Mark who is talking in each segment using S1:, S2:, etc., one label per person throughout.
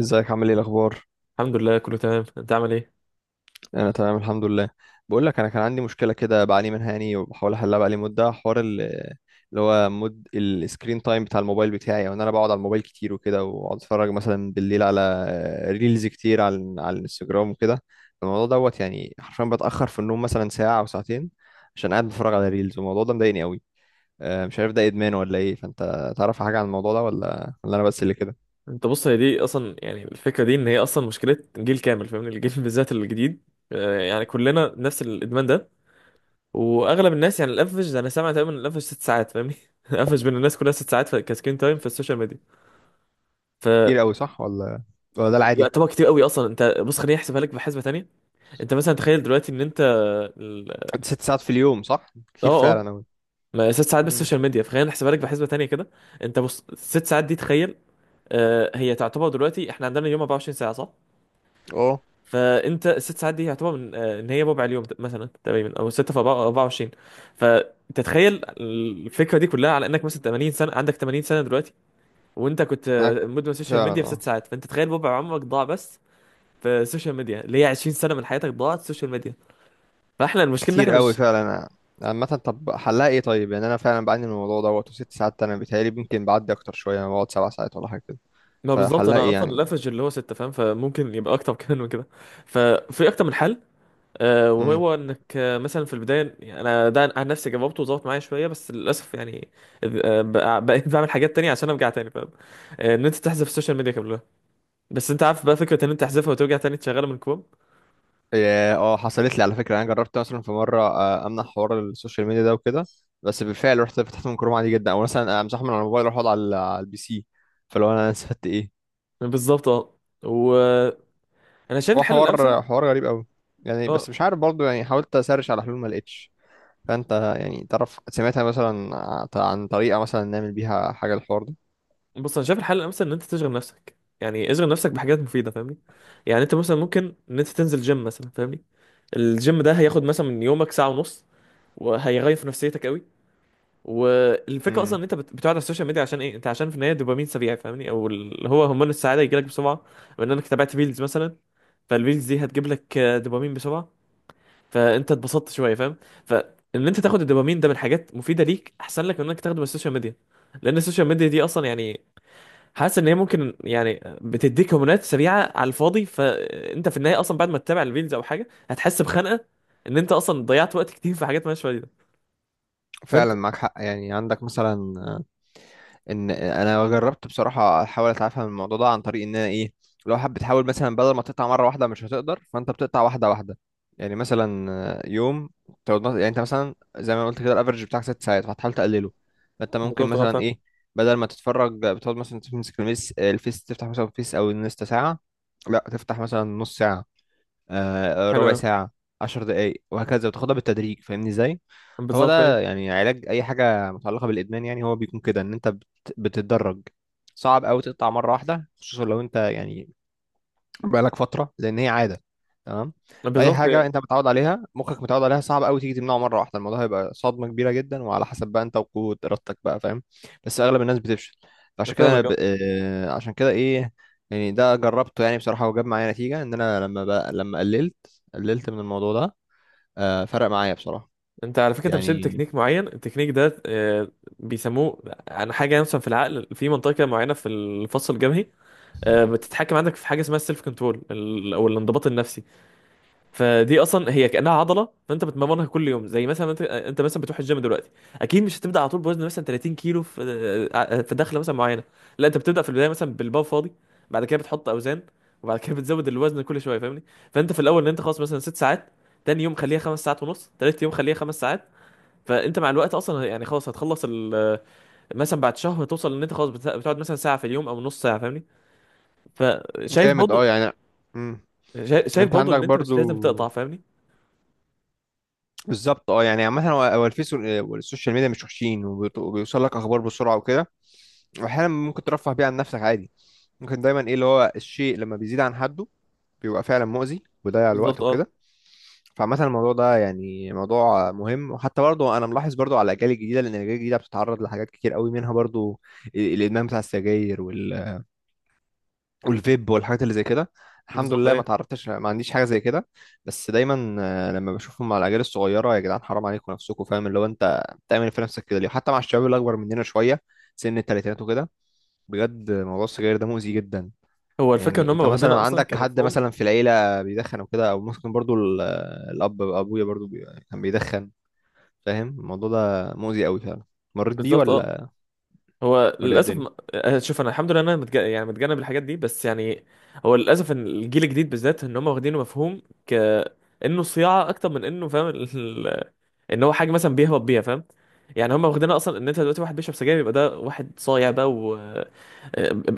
S1: ازيك، عامل ايه الاخبار؟
S2: الحمد لله كله تمام، انت عامل ايه؟
S1: انا تمام الحمد لله. بقول لك انا كان عندي مشكله كده بعاني منها، يعني وبحاول احلها بقالي مده، حوار اللي هو مد السكرين تايم بتاع الموبايل بتاعي، او ان انا بقعد على الموبايل كتير وكده، واقعد اتفرج مثلا بالليل على ريلز كتير، على الانستجرام وكده. الموضوع دوت، يعني حرفيا بتاخر في النوم مثلا ساعه او ساعتين، عشان قاعد بتفرج على ريلز، والموضوع ده مضايقني قوي. مش عارف ده ادمان ولا ايه، فانت تعرف حاجه عن الموضوع ده، ولا انا بس اللي كده؟
S2: انت بص، هي دي اصلا يعني الفكره دي، ان هي اصلا مشكله جيل كامل فاهمني الجيل بالذات الجديد. يعني كلنا نفس الادمان ده. واغلب الناس يعني الافج، انا سامع تقريبا الافج ست ساعات فاهمني الافج بين الناس كلها ست ساعات كسكرين تايم في السوشيال ميديا. ف
S1: كتير قوي، صح ولا ده العادي؟
S2: يعتبر كتير قوي اصلا. انت بص، خليني احسبها لك بحسبه تانية. انت مثلا تخيل دلوقتي ان انت ال-
S1: 6 ساعات في اليوم، صح؟ كتير
S2: اه، اه.
S1: فعلا أوي.
S2: ما ست ساعات بس
S1: امم.
S2: السوشيال ميديا، فخلينا نحسبها لك بحسبه تانية كده. انت بص، ست ساعات دي تخيل. هي تعتبر دلوقتي احنا عندنا اليوم 24 ساعه، صح؟
S1: اه،
S2: فانت الست ساعات دي يعتبر من ان هي ربع اليوم مثلا تقريبا، او 6 في 24. فتتخيل الفكره دي كلها على انك مثلا 80 سنه، عندك 80 سنه دلوقتي. وانت كنت
S1: معاك
S2: مدمن سوشيال
S1: فعلا.
S2: ميديا في
S1: اه،
S2: 6 ساعات، فانت تخيل ربع عمرك ضاع بس في السوشيال ميديا، اللي هي 20 سنه من حياتك ضاعت سوشيال ميديا. فاحنا المشكله ان احنا
S1: كتير أوي
S2: مش...
S1: فعلا. عامة طب حلها ايه طيب؟ يعني انا فعلا بعاني من الموضوع دوت، و6 ساعات انا بيتهيألي ممكن بعدي اكتر شوية، انا بقعد 7 ساعات ولا حاجة كده.
S2: ما بالظبط،
S1: فحلها
S2: انا
S1: ايه
S2: اصلا
S1: يعني؟
S2: الافرج اللي هو 6 فاهم، فممكن يبقى اكتر كمان من كده. ففي اكتر من حل.
S1: امم.
S2: وهو انك مثلا في البدايه، يعني انا ده عن نفسي جاوبته وظبط معايا شويه بس للاسف يعني. بقيت بعمل حاجات تانية عشان ارجع تاني فاهم. ان انت تحذف السوشيال ميديا كلها، بس انت عارف بقى فكره ان انت تحذفها وترجع تاني تشغلها من كوم.
S1: إيه، اه حصلت لي على فكرة، انا جربت مثلا في مرة امنع حوار السوشيال ميديا ده وكده. بس بالفعل رحت فتحت من كروم عادي جدا، او مثلا امسحه من على الموبايل واروح اقعد على البي سي. فلو انا استفدت ايه؟
S2: بالظبط، اه. وانا شايف
S1: هو
S2: الحل الامثل،
S1: حوار غريب أوي. يعني
S2: اه.
S1: بس مش عارف برضه، يعني حاولت اسرش على حلول ما لقيتش. فانت يعني تعرف، سمعتها مثلا عن طريقة مثلا نعمل بيها حاجة الحوار ده؟
S2: بص، انا شايف الحل الامثل، ان انت تشغل نفسك، يعني اشغل نفسك بحاجات مفيده فاهمني. يعني انت مثلا ممكن ان انت تنزل جيم مثلا، فاهمني؟ الجيم ده هياخد مثلا من يومك ساعه ونص، وهيغير في نفسيتك قوي. والفكره اصلا
S1: امم.
S2: ان انت بتقعد على السوشيال ميديا، عشان ايه؟ انت عشان في النهايه دوبامين سريع فاهمني، او اللي هو هرمون السعاده يجيلك بسرعه من انك تابعت ريلز مثلا. فالريلز دي هتجيب لك دوبامين بسرعه، فانت اتبسطت شويه فاهم. فان انت تاخد الدوبامين ده من حاجات مفيده ليك احسن لك من انك تاخده من السوشيال ميديا، لان السوشيال ميديا دي اصلا يعني حاسس ان هي ممكن يعني بتديك هرمونات سريعه على الفاضي، فانت في النهايه اصلا بعد ما تتابع الريلز او حاجه هتحس بخنقه، ان انت اصلا ضيعت وقت كتير في حاجات مالهاش فايده. فانت...
S1: فعلا معاك حق. يعني عندك مثلا ان انا جربت بصراحة احاول اتعافى من الموضوع ده عن طريق ان انا ايه؟ لو حابب بتحاول مثلا بدل ما تقطع مرة واحدة، مش هتقدر، فانت بتقطع واحدة واحدة. يعني مثلا يوم تقعد يعني انت مثلا زي ما قلت كده، الافرج بتاعك 6 ساعات، فهتحاول تقلله. فانت ممكن
S2: بالظبط اه،
S1: مثلا
S2: فاهم.
S1: ايه، بدل ما تتفرج بتقعد مثلا تمسك الميس الفيس، تفتح مثلا فيس او الانستا ساعة، لا تفتح مثلا نص ساعة،
S2: حلو
S1: ربع
S2: أوي.
S1: ساعة، 10 دقايق، وهكذا، وتاخدها بالتدريج فاهمني ازاي؟ هو
S2: بالظبط.
S1: ده يعني علاج أي حاجة متعلقة بالإدمان، يعني هو بيكون كده إن أنت بتتدرج. صعب أوي تقطع مرة واحدة، خصوصا لو أنت يعني بقالك فتره، لان هي عاده. تمام. فاي
S2: بالظبط يعني.
S1: حاجه انت متعود عليها، مخك متعود عليها، صعب قوي تيجي تمنعه مره واحده، الموضوع هيبقى صدمه كبيره جدا، وعلى حسب بقى انت وقوه ارادتك بقى فاهم. بس اغلب الناس بتفشل.
S2: أنا
S1: فعشان كده انا
S2: فاهمك،
S1: ب...
S2: أه.
S1: آه، عشان كده ايه، يعني ده جربته يعني بصراحه، وجاب معايا نتيجه، ان انا لما قللت من الموضوع ده، فرق معايا بصراحه.
S2: انت على فكره انت مش لازم
S1: يعني
S2: تكنيك معين، التكنيك ده بيسموه عن حاجه مثلا في العقل، في منطقه كده معينه في الفص الجبهي. بتتحكم عندك في حاجه اسمها السيلف كنترول، او الانضباط النفسي. فدي اصلا هي كانها عضله، فانت بتمرنها كل يوم، زي مثلا انت مثلا بتروح الجيم دلوقتي. اكيد مش هتبدا على طول بوزن مثلا 30 كيلو في دخله مثلا معينه. لا، انت بتبدا في البدايه مثلا بالبار فاضي، بعد كده بتحط اوزان، وبعد كده بتزود الوزن كل شويه فاهمني. فانت في الاول، ان انت خلاص مثلا ست ساعات، تاني يوم خليها خمس ساعات ونص، تالت يوم خليها خمس ساعات. فانت مع الوقت اصلا يعني خلاص هتخلص مثلا بعد شهر توصل ان انت خلاص بتقعد مثلا ساعه في اليوم او نص ساعه فاهمني. فشايف
S1: جامد اه
S2: برضه،
S1: يعني. مم.
S2: شايف
S1: انت
S2: برضه
S1: عندك
S2: ان انت
S1: برضو.
S2: مش لازم تقطع فاهمني.
S1: بالظبط اه، يعني عامه هو الفيس والسوشيال ميديا مش وحشين، وبيوصل لك اخبار بسرعه وكده، واحيانا ممكن ترفه بيه عن نفسك عادي. ممكن دايما ايه، اللي هو الشيء لما بيزيد عن حده بيبقى فعلا مؤذي، ويضيع الوقت
S2: بالظبط، اه.
S1: وكده. فعامة الموضوع ده يعني موضوع مهم، وحتى برضه انا ملاحظ برضه على الاجيال الجديده، لان الاجيال الجديده بتتعرض لحاجات كتير قوي، منها برضه الادمان بتاع السجاير والفيب والحاجات اللي زي كده. الحمد
S2: بالظبط.
S1: لله ما تعرضتش، ما عنديش حاجه زي كده. بس دايما لما بشوفهم مع الاجيال الصغيره، يا جدعان حرام عليكم نفسكم فاهم، اللي هو انت بتعمل إيه في نفسك كده ليه، حتى مع الشباب اللي اكبر مننا شويه، سن الثلاثينات وكده. بجد موضوع السجاير ده مؤذي جدا.
S2: هو الفكره ان
S1: يعني
S2: هم
S1: انت مثلا
S2: واخدينها اصلا
S1: عندك حد
S2: كمفهوم.
S1: مثلا في العيله بيدخن او كده، او ممكن برضو الاب ابويا برضو كان بيدخن فاهم. الموضوع ده مؤذي قوي فعلا. مريت بيه
S2: بالظبط، اه.
S1: ولا
S2: هو
S1: ولا إيه
S2: للاسف
S1: الدنيا؟
S2: شوف، انا الحمد لله انا يعني متجنب الحاجات دي بس يعني هو للاسف ان الجيل الجديد بالذات ان هم واخدينه مفهوم انه صياعه اكتر من انه فاهم ان هو حاجه مثلا بيهبط بيها فاهم. يعني هم واخدينها اصلا ان انت دلوقتي واحد بيشرب سجاير يبقى ده واحد صايع بقى، و آه،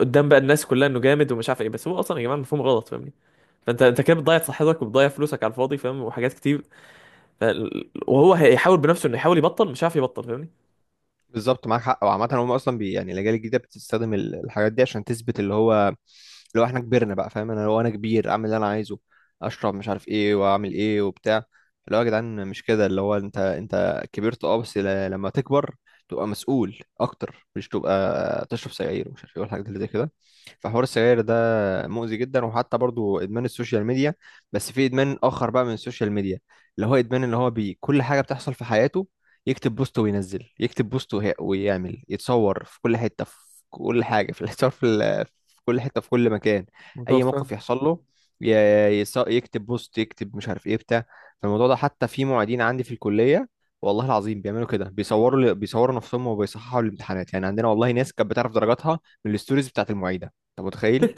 S2: قدام بقى الناس كلها انه جامد ومش عارف ايه، بس هو اصلا يا جماعه مفهوم غلط فاهمني. فانت كده بتضيع صحتك وبتضيع فلوسك على الفاضي فاهم، وحاجات كتير. ف... وهو هيحاول بنفسه انه يحاول يبطل مش عارف يبطل فاهمني.
S1: بالظبط معاك حق. وعامة هم أصلا يعني الأجيال الجديدة بتستخدم الحاجات دي عشان تثبت اللي هو إحنا كبرنا بقى فاهم. أنا لو أنا كبير أعمل اللي أنا عايزه، أشرب مش عارف إيه، وأعمل إيه وبتاع. اللي هو يا جدعان مش كده، اللي هو أنت كبرت أه، بس لما تكبر تبقى مسؤول أكتر، مش تبقى تشرب سجاير ومش عارف إيه والحاجات اللي زي كده. فحوار السجاير ده مؤذي جدا، وحتى برضو ادمان السوشيال ميديا. بس في ادمان اخر بقى من السوشيال ميديا، اللي هو ادمان، اللي هو بي كل حاجه بتحصل في حياته. يكتب بوست، وينزل يكتب بوست، ويعمل يتصور في كل حته، في كل حاجه، في الصور، في كل حته، في كل مكان. اي
S2: متوفى.
S1: موقف يحصل له يكتب بوست، يكتب مش عارف ايه بتاع. فالموضوع ده حتى في معيدين عندي في الكليه، والله العظيم بيعملوا كده، بيصوروا نفسهم وبيصححوا الامتحانات، يعني عندنا والله ناس كانت بتعرف درجاتها من الستوريز بتاعت المعيده. انت متخيل؟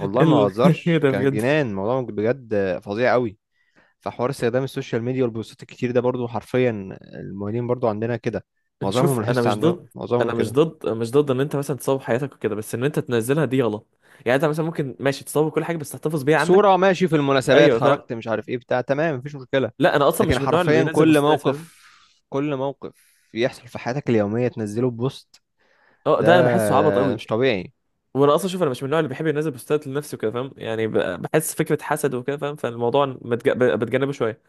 S1: والله ما
S2: ال... ايه
S1: بهزرش،
S2: ده
S1: كان
S2: بجد؟
S1: جنان، الموضوع بجد فظيع قوي. فحوار استخدام السوشيال ميديا والبوستات الكتير ده برضو حرفيا المهنيين برضو عندنا كده،
S2: نشوف،
S1: معظمهم
S2: انا
S1: لاحظت
S2: مش
S1: عندهم
S2: ضد.
S1: معظمهم
S2: انا مش
S1: كده.
S2: ضد مش ضد ان انت مثلا تصور حياتك وكده، بس ان انت تنزلها دي غلط. يعني انت مثلا ممكن ماشي تصور كل حاجه بس تحتفظ بيها عندك.
S1: صورة ماشي في المناسبات،
S2: ايوه، فاهم.
S1: خرجت مش عارف ايه بتاع، تمام مفيش مشكلة.
S2: لا، انا اصلا
S1: لكن
S2: مش من النوع اللي
S1: حرفيا
S2: بينزل
S1: كل
S2: بوستات فاهم.
S1: موقف كل موقف يحصل في حياتك اليومية تنزله بوست.
S2: اه،
S1: ده,
S2: ده انا بحسه عبط
S1: ده
S2: قوي.
S1: مش طبيعي.
S2: وانا اصلا شوف، انا مش من النوع اللي بيحب ينزل بوستات لنفسه كده فاهم، يعني بحس فكره حسد وكده فاهم، فالموضوع بتجنبه شويه.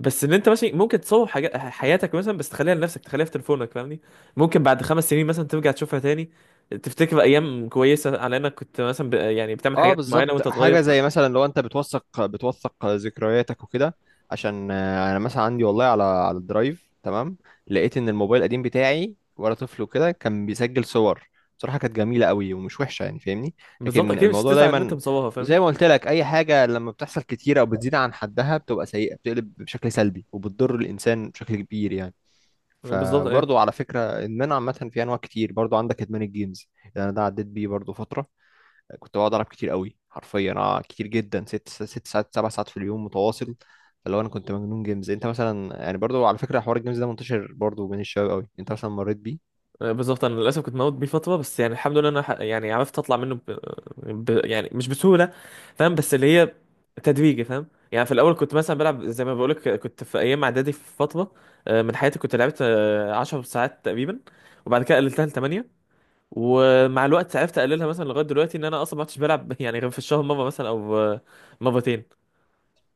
S2: بس ان انت ماشي ممكن تصور حاجات حياتك مثلا بس تخليها لنفسك، تخليها في تليفونك فاهمني. ممكن بعد خمس سنين مثلا ترجع تشوفها تاني، تفتكر ايام كويسه على انك كنت مثلا يعني بتعمل
S1: اه
S2: حاجات معينه
S1: بالظبط،
S2: وانت صغير
S1: حاجه زي مثلا لو انت بتوثق ذكرياتك وكده، عشان انا مثلا عندي والله على الدرايف تمام. لقيت ان الموبايل القديم بتاعي وانا طفل وكده كان بيسجل صور، بصراحه كانت جميله قوي ومش وحشه يعني فاهمني.
S2: بالظبط
S1: لكن
S2: اكيد مش
S1: الموضوع
S2: هتزعل ان انت
S1: دايما
S2: مصورها
S1: زي
S2: فاهمني.
S1: ما قلت لك، اي حاجه لما بتحصل كتير او بتزيد عن حدها بتبقى سيئه، بتقلب بشكل سلبي، وبتضر الانسان بشكل كبير يعني.
S2: بالظبط،
S1: فبرضه
S2: ايوه.
S1: على فكره، ادمان عامه في انواع كتير برضه، عندك ادمان الجيمز، يعني انا ده عديت بيه برضه فتره. كنت بقعد العب كتير قوي حرفيا، انا كتير جدا، ست ساعات، 7 ساعات في اليوم متواصل. فاللي هو انا كنت مجنون جيمز. انت مثلا يعني برضو على فكره حوار الجيمز ده منتشر برضو بين الشباب قوي، انت مثلا مريت بيه؟
S2: بالظبط انا للاسف كنت موجود بيه فتره بس يعني الحمد لله انا يعني عرفت اطلع منه يعني مش بسهوله فاهم، بس اللي هي تدريجي فاهم. يعني في الاول كنت مثلا بلعب، زي ما بقولك كنت في ايام اعدادي في فتره من حياتي، كنت لعبت 10 ساعات تقريبا، وبعد كده قللتها ل 8. ومع الوقت عرفت اقللها مثلا لغايه دلوقتي ان انا اصلا ما عدتش بلعب يعني، غير في الشهر مره مثلا او مرتين.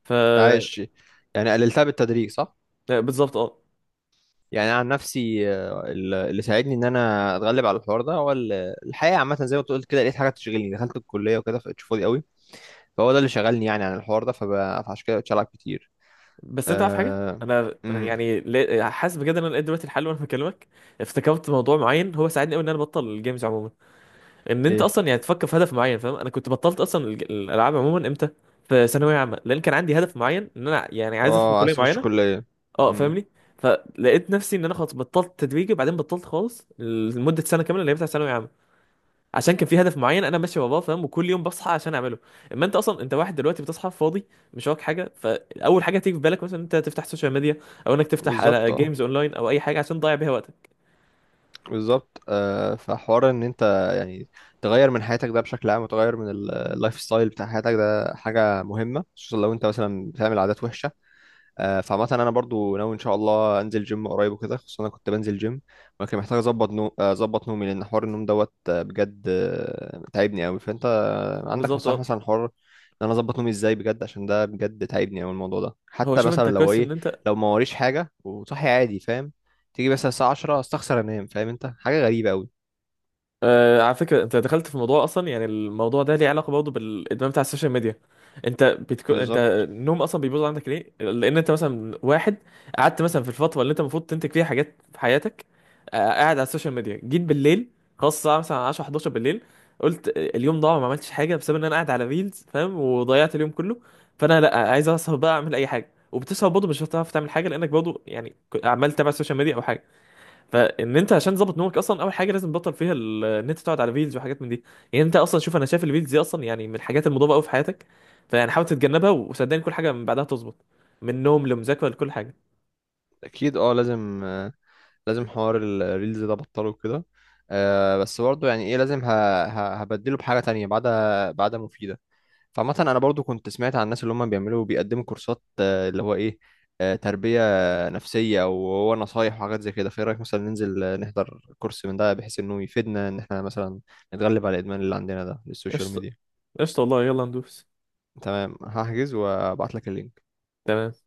S2: ف آه،
S1: عايش. يعني قللتها بالتدريج صح؟
S2: بالظبط، اه.
S1: يعني أنا عن نفسي اللي ساعدني ان انا اتغلب على الحوار ده هو الحقيقه عامه زي ما أنت قلت كده، لقيت حاجه تشغلني، دخلت الكليه وكده، فبقيت فاضي قوي، فهو ده اللي شغلني يعني عن الحوار ده، فعشان كده بقيت العب كتير.
S2: بس انت عارف حاجه،
S1: آه...
S2: انا
S1: امم.
S2: يعني حاسس بجد ان انا لقيت دلوقتي الحل وانا بكلمك. افتكرت موضوع معين هو ساعدني قوي ان انا ابطل الجيمز عموما، ان انت
S1: ايه،
S2: اصلا يعني تفكر في هدف معين فاهم. انا كنت بطلت اصلا الالعاب عموما، امتى؟ في ثانويه عامه، لان كان عندي هدف معين ان انا يعني عايز ادخل
S1: اه عايز
S2: كليه
S1: تخش
S2: معينه.
S1: كليه.
S2: اه،
S1: امم.
S2: فاهمني. فلقيت نفسي ان انا خلاص بطلت تدريجي، وبعدين بطلت خالص لمده سنه كامله اللي هي بتاع ثانويه عامه. عشان كان في هدف معين انا ماشي وراه فاهم، وكل يوم بصحى عشان اعمله. اما انت اصلا انت واحد دلوقتي بتصحى فاضي، مش وراك حاجه، فاول حاجه تيجي في بالك مثلا انت تفتح سوشيال ميديا، او انك تفتح
S1: بالظبط
S2: على
S1: اه.
S2: جيمز اونلاين، او اي حاجه عشان تضيع بيها وقتك.
S1: بالظبط فحوار ان انت يعني تغير من حياتك ده بشكل عام، وتغير من اللايف ستايل بتاع حياتك ده حاجه مهمه، خصوصا لو انت مثلا بتعمل عادات وحشه. فعامة انا برضو ناوي ان شاء الله انزل جيم قريب وكده، خصوصا انا كنت بنزل جيم، ولكن محتاج اظبط نو... آه، اظبط نومي، لان حوار النوم دوت بجد تعبني قوي. فانت عندك
S2: بالظبط،
S1: نصائح
S2: اه.
S1: مثلا حوار ان انا اظبط نومي ازاي بجد، عشان ده بجد تعبني قوي الموضوع ده.
S2: هو
S1: حتى
S2: شوف،
S1: مثلا
S2: انت
S1: لو
S2: كويس ان
S1: ايه،
S2: انت...
S1: لو ما وريش حاجة وصحي عادي فاهم، تيجي مثلا الساعة 10 استخسر انام فاهم، انت حاجة غريبة قوي.
S2: على فكرة انت دخلت في موضوع اصلا، يعني الموضوع ده ليه علاقة برضه بالادمان بتاع السوشيال ميديا. انت انت
S1: بالظبط
S2: النوم اصلا بيبوظ عندك ليه؟ لان انت مثلا واحد قعدت مثلا في الفترة اللي انت المفروض تنتج فيها حاجات في حياتك، قاعد على السوشيال ميديا، جيت بالليل خلاص الساعة مثلا 10، 11 بالليل. قلت اليوم ضاع ما عملتش حاجة بسبب ان انا قاعد على ريلز فاهم، وضيعت اليوم كله. فانا لا عايز اسهر بقى اعمل اي حاجة، وبتسهر برضه مش هتعرف تعمل حاجة لانك برضه يعني عمال تتابع السوشيال ميديا او حاجة. فان انت عشان تظبط نومك، اصلا اول حاجه لازم تبطل فيها ان انت تقعد على فيديوز وحاجات من دي. يعني انت اصلا شوف، انا شايف الفيديوز دي اصلا يعني من الحاجات المضاده قوي في حياتك، فيعني حاول تتجنبها، وصدقني كل حاجه من بعدها تظبط، من نوم لمذاكره لكل حاجه.
S1: اكيد اه، لازم حوار الريلز ده بطله كده. بس برضه يعني ايه، لازم هبدله بحاجة تانية بعد مفيدة. فعامة انا برضه كنت سمعت عن الناس اللي هم بيعملوا بيقدموا كورسات، اللي هو ايه، تربية نفسية او هو نصايح وحاجات زي كده. فايه رأيك مثلا ننزل نحضر كورس من ده، بحيث انه يفيدنا ان احنا مثلا نتغلب على الادمان اللي عندنا ده للسوشيال
S2: قشطه،
S1: ميديا؟
S2: قشطه والله، يلا ندوس.
S1: تمام هحجز وابعت لك اللينك.
S2: تمام.